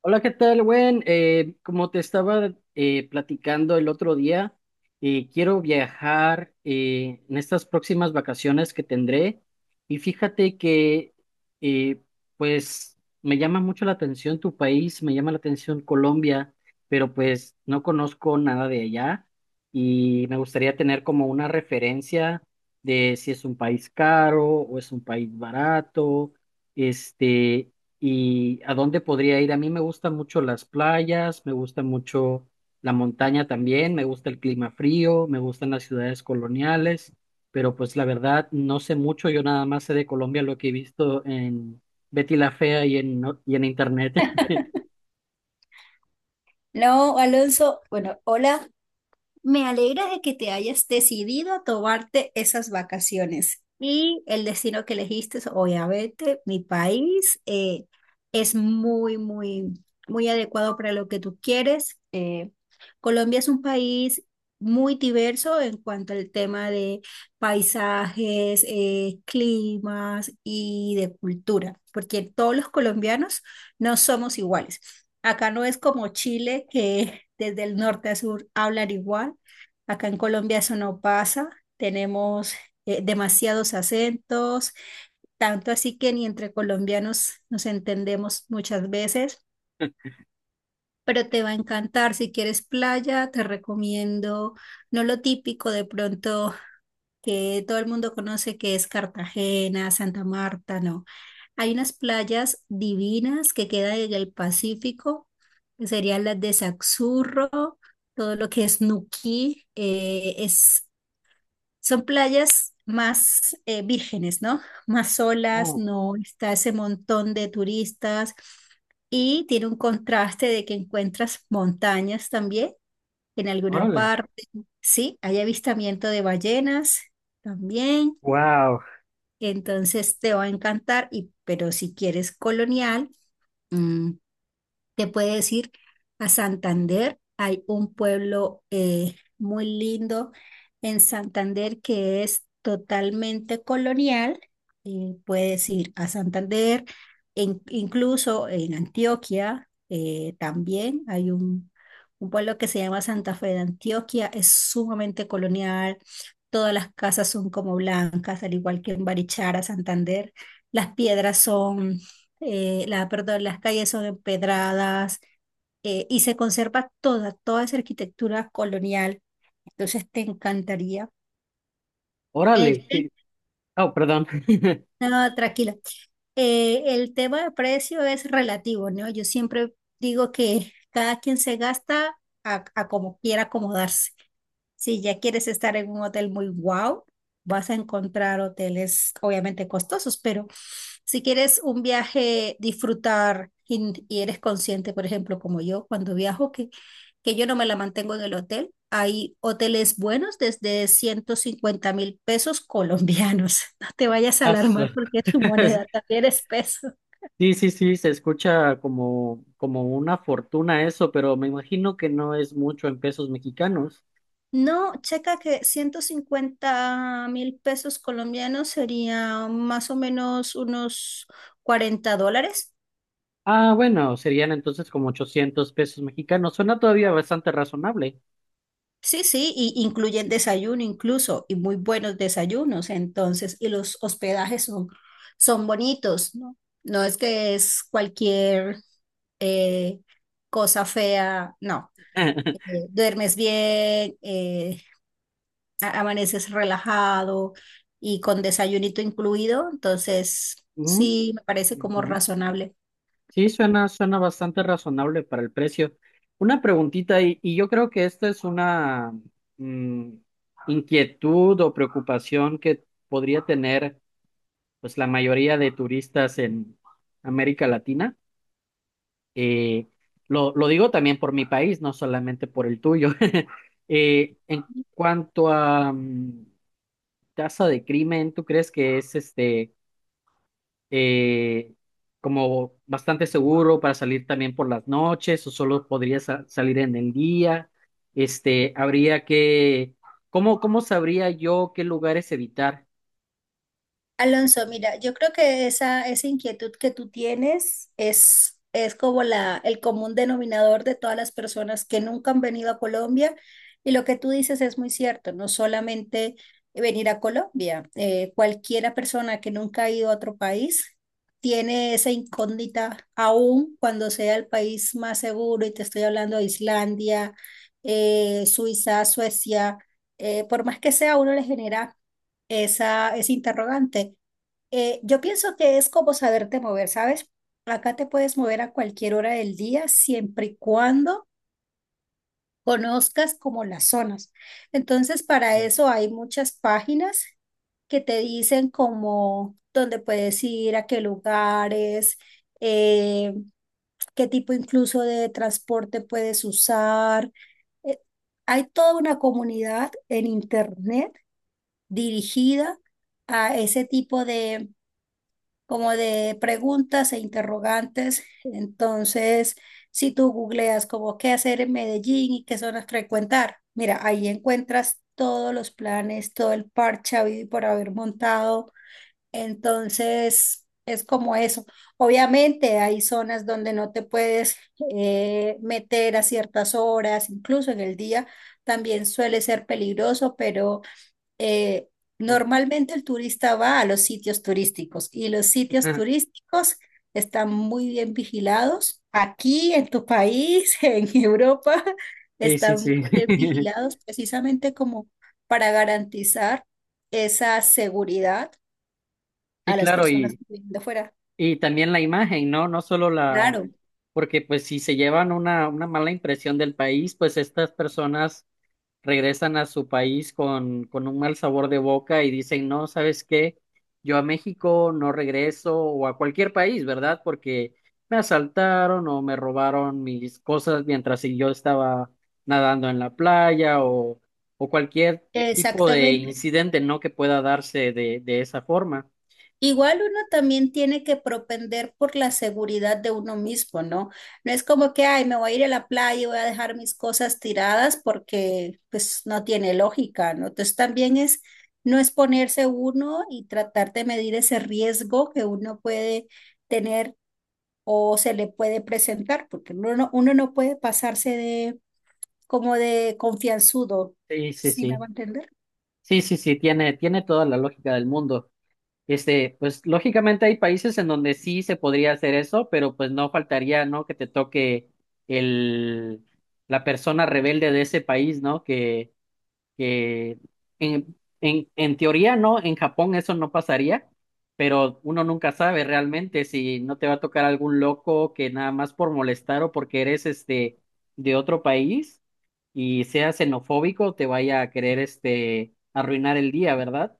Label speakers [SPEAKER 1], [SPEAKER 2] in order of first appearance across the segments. [SPEAKER 1] Hola, ¿qué tal, Gwen? Como te estaba platicando el otro día, quiero viajar en estas próximas vacaciones que tendré y fíjate que eh, pues me llama mucho la atención tu país, me llama la atención Colombia, pero pues no conozco nada de allá y me gustaría tener como una referencia de si es un país caro o es un país barato. Este, ¿y a dónde podría ir? A mí me gustan mucho las playas, me gusta mucho la montaña también, me gusta el clima frío, me gustan las ciudades coloniales, pero pues la verdad no sé mucho, yo nada más sé de Colombia lo que he visto en Betty la Fea y en, no- y en internet.
[SPEAKER 2] No, Alonso, bueno, hola, me alegra de que te hayas decidido a tomarte esas vacaciones. Y el destino que elegiste es obviamente mi país, es muy, muy, muy adecuado para lo que tú quieres. Colombia es un país muy diverso en cuanto al tema de paisajes, climas y de cultura, porque todos los colombianos no somos iguales. Acá no es como Chile, que desde el norte a sur hablan igual. Acá en Colombia eso no pasa. Tenemos demasiados acentos, tanto así que ni entre colombianos nos entendemos muchas veces. Pero te va a encantar. Si quieres playa, te recomiendo no lo típico de pronto que todo el mundo conoce que es Cartagena, Santa Marta, no. Hay unas playas divinas que quedan en el Pacífico, que serían las de Saxurro, todo lo que es Nuquí, son playas más vírgenes, ¿no? Más solas,
[SPEAKER 1] Oh,
[SPEAKER 2] no está ese montón de turistas y tiene un contraste de que encuentras montañas también en alguna
[SPEAKER 1] órale.
[SPEAKER 2] parte. Sí, hay avistamiento de ballenas también.
[SPEAKER 1] Wow,
[SPEAKER 2] Entonces te va a encantar, y, pero si quieres colonial, mm, te puede decir a Santander, hay un pueblo muy lindo en Santander que es totalmente colonial. Puedes ir a Santander, incluso en Antioquia también hay un pueblo que se llama Santa Fe de Antioquia, es sumamente colonial. Todas las casas son como blancas, al igual que en Barichara, Santander. Las piedras son perdón, las calles son empedradas y se conserva toda esa arquitectura colonial. Entonces te encantaría. El
[SPEAKER 1] órale,
[SPEAKER 2] tema,
[SPEAKER 1] qué... Oh, perdón.
[SPEAKER 2] no, tranquila. El tema de precio es relativo, ¿no? Yo siempre digo que cada quien se gasta a como quiera acomodarse. Si ya quieres estar en un hotel muy wow, vas a encontrar hoteles obviamente costosos, pero si quieres un viaje, disfrutar y eres consciente, por ejemplo, como yo, cuando viajo, que yo no me la mantengo en el hotel, hay hoteles buenos desde 150.000 pesos colombianos. No te vayas a
[SPEAKER 1] Ah, su...
[SPEAKER 2] alarmar porque tu moneda también es peso.
[SPEAKER 1] Sí, sí, sí, se escucha como, como una fortuna eso, pero me imagino que no es mucho en pesos mexicanos.
[SPEAKER 2] No, checa que 150.000 pesos colombianos sería más o menos unos 40 dólares.
[SPEAKER 1] Ah, bueno, serían entonces como 800 pesos mexicanos. Suena todavía bastante razonable.
[SPEAKER 2] Sí, sí, y incluyen desayuno incluso, y muy buenos desayunos, entonces, y los hospedajes son bonitos, ¿no? No es que es cualquier eh, cosa fea, no. eh, Duermes bien, amaneces relajado y con desayunito incluido, entonces
[SPEAKER 1] Mm,
[SPEAKER 2] sí me parece como
[SPEAKER 1] ujú.
[SPEAKER 2] razonable.
[SPEAKER 1] Sí, suena, suena bastante razonable para el precio. Una preguntita, y yo creo que esta es una mm, inquietud o preocupación que podría tener pues la mayoría de turistas en América Latina. Eh, lo digo también por mi país, no solamente por el tuyo. En cuanto a casa de crimen, ¿tú crees que es este eh, como bastante seguro para salir también por las noches o solo podría salir en el día? Este, habría que, ¿cómo, cómo sabría yo qué lugares evitar?
[SPEAKER 2] Alonso, mira, yo creo que esa inquietud que tú tienes es como la, el común denominador de todas las personas que nunca han venido a Colombia. Y lo que tú dices es muy cierto, no solamente venir a Colombia, cualquiera persona que nunca ha ido a otro país tiene esa incógnita aún cuando sea el país más seguro, y te estoy hablando de Islandia, Suiza, Suecia, por más que sea, a uno le genera ese interrogante. Yo pienso que es como saberte mover, ¿sabes? Acá te puedes mover a cualquier hora del día, siempre y cuando conozcas como las zonas. Entonces, para eso hay muchas páginas que te dicen como dónde puedes ir, a qué lugares, eh, qué tipo incluso de transporte puedes usar. Eh, Hay toda una comunidad en internet dirigida a ese tipo de, como de preguntas e interrogantes. Entonces, si tú googleas como qué hacer en Medellín y qué zonas frecuentar, mira, ahí encuentras todos los planes, todo el parche habido y por haber montado. Entonces, es como eso. Obviamente hay zonas donde no te puedes meter a ciertas horas, incluso en el día también suele ser peligroso, pero eh,
[SPEAKER 1] Ujú.
[SPEAKER 2] normalmente el turista va a los sitios turísticos y los sitios turísticos están muy bien vigilados. Aquí en tu país, en Europa,
[SPEAKER 1] Sí, sí,
[SPEAKER 2] están muy
[SPEAKER 1] sí.
[SPEAKER 2] bien vigilados precisamente como para garantizar esa seguridad
[SPEAKER 1] Sí,
[SPEAKER 2] a las
[SPEAKER 1] claro,
[SPEAKER 2] personas que vienen de fuera.
[SPEAKER 1] y también la imagen, ¿no? No solo la,
[SPEAKER 2] Claro,
[SPEAKER 1] porque pues si se llevan una mala impresión del país, pues estas personas regresan a su país con un mal sabor de boca y dicen, no, ¿sabes qué? Yo a México no regreso, o a cualquier país, ¿verdad? Porque me asaltaron o me robaron mis cosas mientras yo estaba nadando en la playa, o cualquier tipo de
[SPEAKER 2] exactamente.
[SPEAKER 1] incidente, ¿no? Que pueda darse de esa forma.
[SPEAKER 2] Igual uno también tiene que propender por la seguridad de uno mismo, ¿no? No es como que, ay, me voy a ir a la playa y voy a dejar mis cosas tiradas porque pues no tiene lógica, ¿no? Entonces también es no exponerse uno y tratar de medir ese riesgo que uno puede tener o se le puede presentar, porque uno no puede pasarse de como de confianzudo,
[SPEAKER 1] Sí, sí,
[SPEAKER 2] ¿sí me va a
[SPEAKER 1] sí.
[SPEAKER 2] entender?
[SPEAKER 1] Sí, sí, sí, tiene, tiene toda la lógica del mundo. Este, pues lógicamente hay países en donde sí se podría hacer eso, pero pues no faltaría, ¿no? Que te toque el, la persona rebelde de ese país, ¿no? Que en, en teoría, ¿no? En Japón eso no pasaría, pero uno nunca sabe realmente si no te va a tocar algún loco que nada más por molestar, o porque eres este de otro país y sea xenofóbico, te vaya a querer este arruinar el día, ¿verdad?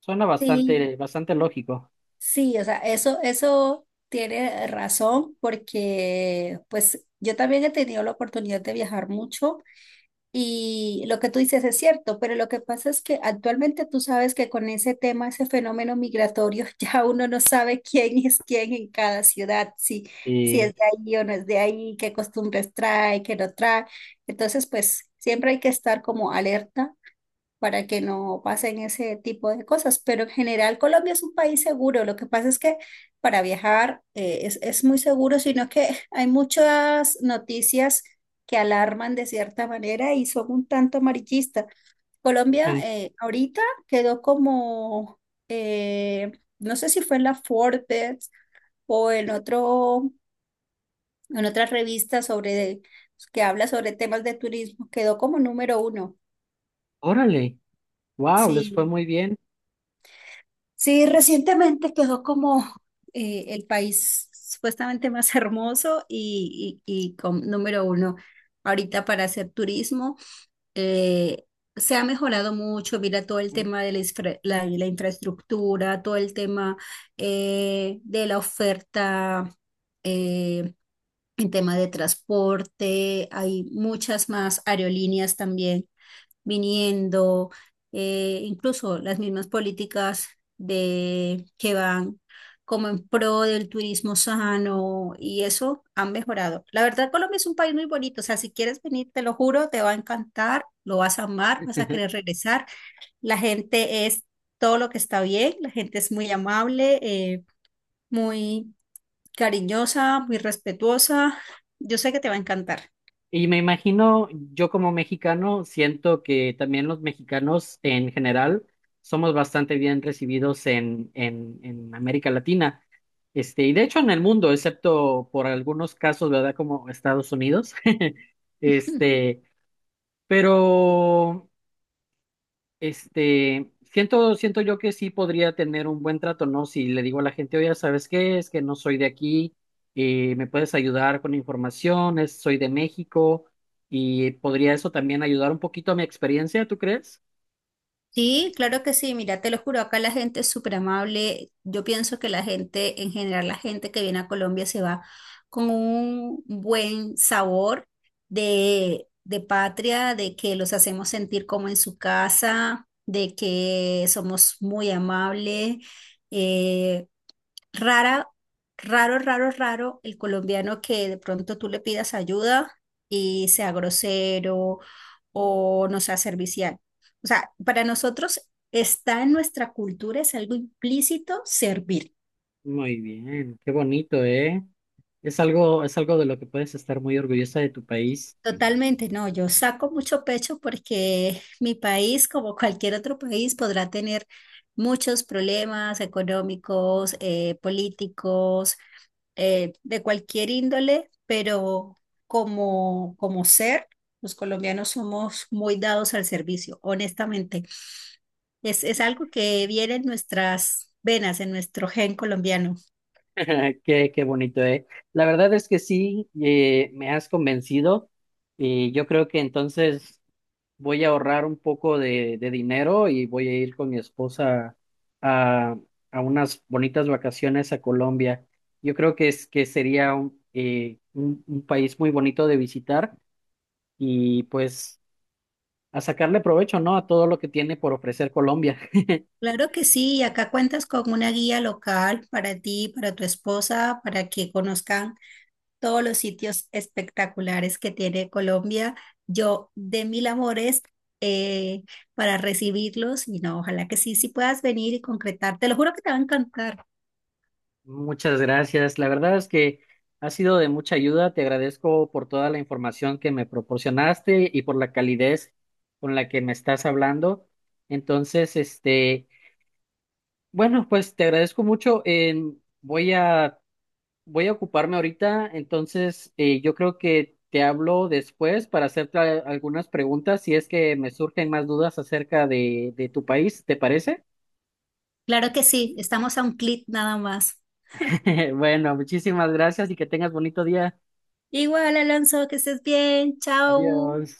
[SPEAKER 1] Suena
[SPEAKER 2] Sí,
[SPEAKER 1] bastante, bastante lógico.
[SPEAKER 2] sí, o sea, eso tiene razón porque pues yo también he tenido la oportunidad de viajar mucho y lo que tú dices es cierto, pero lo que pasa es que actualmente tú sabes que con ese tema, ese fenómeno migratorio, ya uno no sabe quién es quién en cada ciudad, si
[SPEAKER 1] Y,
[SPEAKER 2] es de ahí o no es de ahí, qué costumbres trae, qué no trae. Entonces, pues siempre hay que estar como alerta para que no pasen ese tipo de cosas. Pero en general Colombia es un país seguro. Lo que pasa es que para viajar es muy seguro, sino que hay muchas noticias que alarman de cierta manera y son un tanto amarillistas. Colombia
[SPEAKER 1] ujú,
[SPEAKER 2] ahorita quedó eh, no sé si fue en la Forbes o en otro, en otra revista sobre, que habla sobre temas de turismo, quedó como número uno.
[SPEAKER 1] órale. Wow, les fue
[SPEAKER 2] Sí,
[SPEAKER 1] muy bien.
[SPEAKER 2] sí, recientemente quedó como el país supuestamente más hermoso y con número uno ahorita para hacer turismo. eh, Se ha mejorado mucho, mira todo el
[SPEAKER 1] Ujú.
[SPEAKER 2] tema de la infraestructura, todo el tema de la oferta, eh, en tema de transporte, hay muchas más aerolíneas también viniendo, incluso las mismas políticas que van como en pro del turismo sano y eso han mejorado. La verdad, Colombia es un país muy bonito, o sea, si quieres venir, te lo juro, te va a encantar, lo vas a amar, vas a querer regresar. La gente es todo lo que está bien, la gente es muy amable, muy cariñosa, muy respetuosa. Yo sé que te va a encantar.
[SPEAKER 1] Y me imagino, yo como mexicano, siento que también los mexicanos en general somos bastante bien recibidos en América Latina. Este, y de hecho en el mundo, excepto por algunos casos, ¿verdad? Como Estados Unidos. Este, pero este, siento, siento yo que sí podría tener un buen trato, ¿no? Si le digo a la gente, oye, ¿sabes qué? Es que no soy de aquí, me puedes ayudar con información. Soy de México, y podría eso también ayudar un poquito a mi experiencia, ¿tú crees?
[SPEAKER 2] Sí, claro que sí, mira, te lo juro, acá la gente es súper amable. Yo pienso que la gente, en general, la gente que viene a Colombia se va con un buen sabor de patria, de que los hacemos sentir como en su casa, de que somos muy amables. eh, Rara, Raro el colombiano que de pronto tú le pidas ayuda y sea grosero o no sea servicial. O sea, para nosotros está en nuestra cultura, es algo implícito servir.
[SPEAKER 1] Muy bien, qué bonito, ¿eh? Es algo de lo que puedes estar muy orgullosa de tu país.
[SPEAKER 2] Totalmente, no, yo saco mucho pecho porque mi país, como cualquier otro país, podrá tener muchos problemas económicos, políticos, de cualquier índole, pero como ser, los colombianos somos muy dados al servicio, honestamente. Es algo que viene en nuestras venas, en nuestro gen colombiano.
[SPEAKER 1] Qué, qué bonito, ¿eh? La verdad es que sí, me has convencido, y yo creo que entonces voy a ahorrar un poco de dinero y voy a ir con mi esposa a, a unas bonitas vacaciones a Colombia. Yo creo que es que sería un, un país muy bonito de visitar, y pues a sacarle provecho, ¿no? A todo lo que tiene por ofrecer Colombia.
[SPEAKER 2] Claro que sí, y acá cuentas con una guía local para ti, para tu esposa, para que conozcan todos los sitios espectaculares que tiene Colombia. Yo de mil amores eh, para recibirlos y no, ojalá que sí puedas venir y concretar. Te lo juro que te va a encantar.
[SPEAKER 1] Muchas gracias. La verdad es que ha sido de mucha ayuda. Te agradezco por toda la información que me proporcionaste y por la calidez con la que me estás hablando. Entonces, este... Bueno, pues te agradezco mucho. Voy a, voy a ocuparme ahorita, entonces yo creo que te hablo después para hacerte algunas preguntas si es que me surgen más dudas acerca de tu país, ¿te parece?
[SPEAKER 2] Claro que sí, estamos a un clic nada más.
[SPEAKER 1] Bueno, muchísimas gracias y que tengas bonito día.
[SPEAKER 2] Igual, Alonso, que estés bien. Chao.
[SPEAKER 1] Adiós.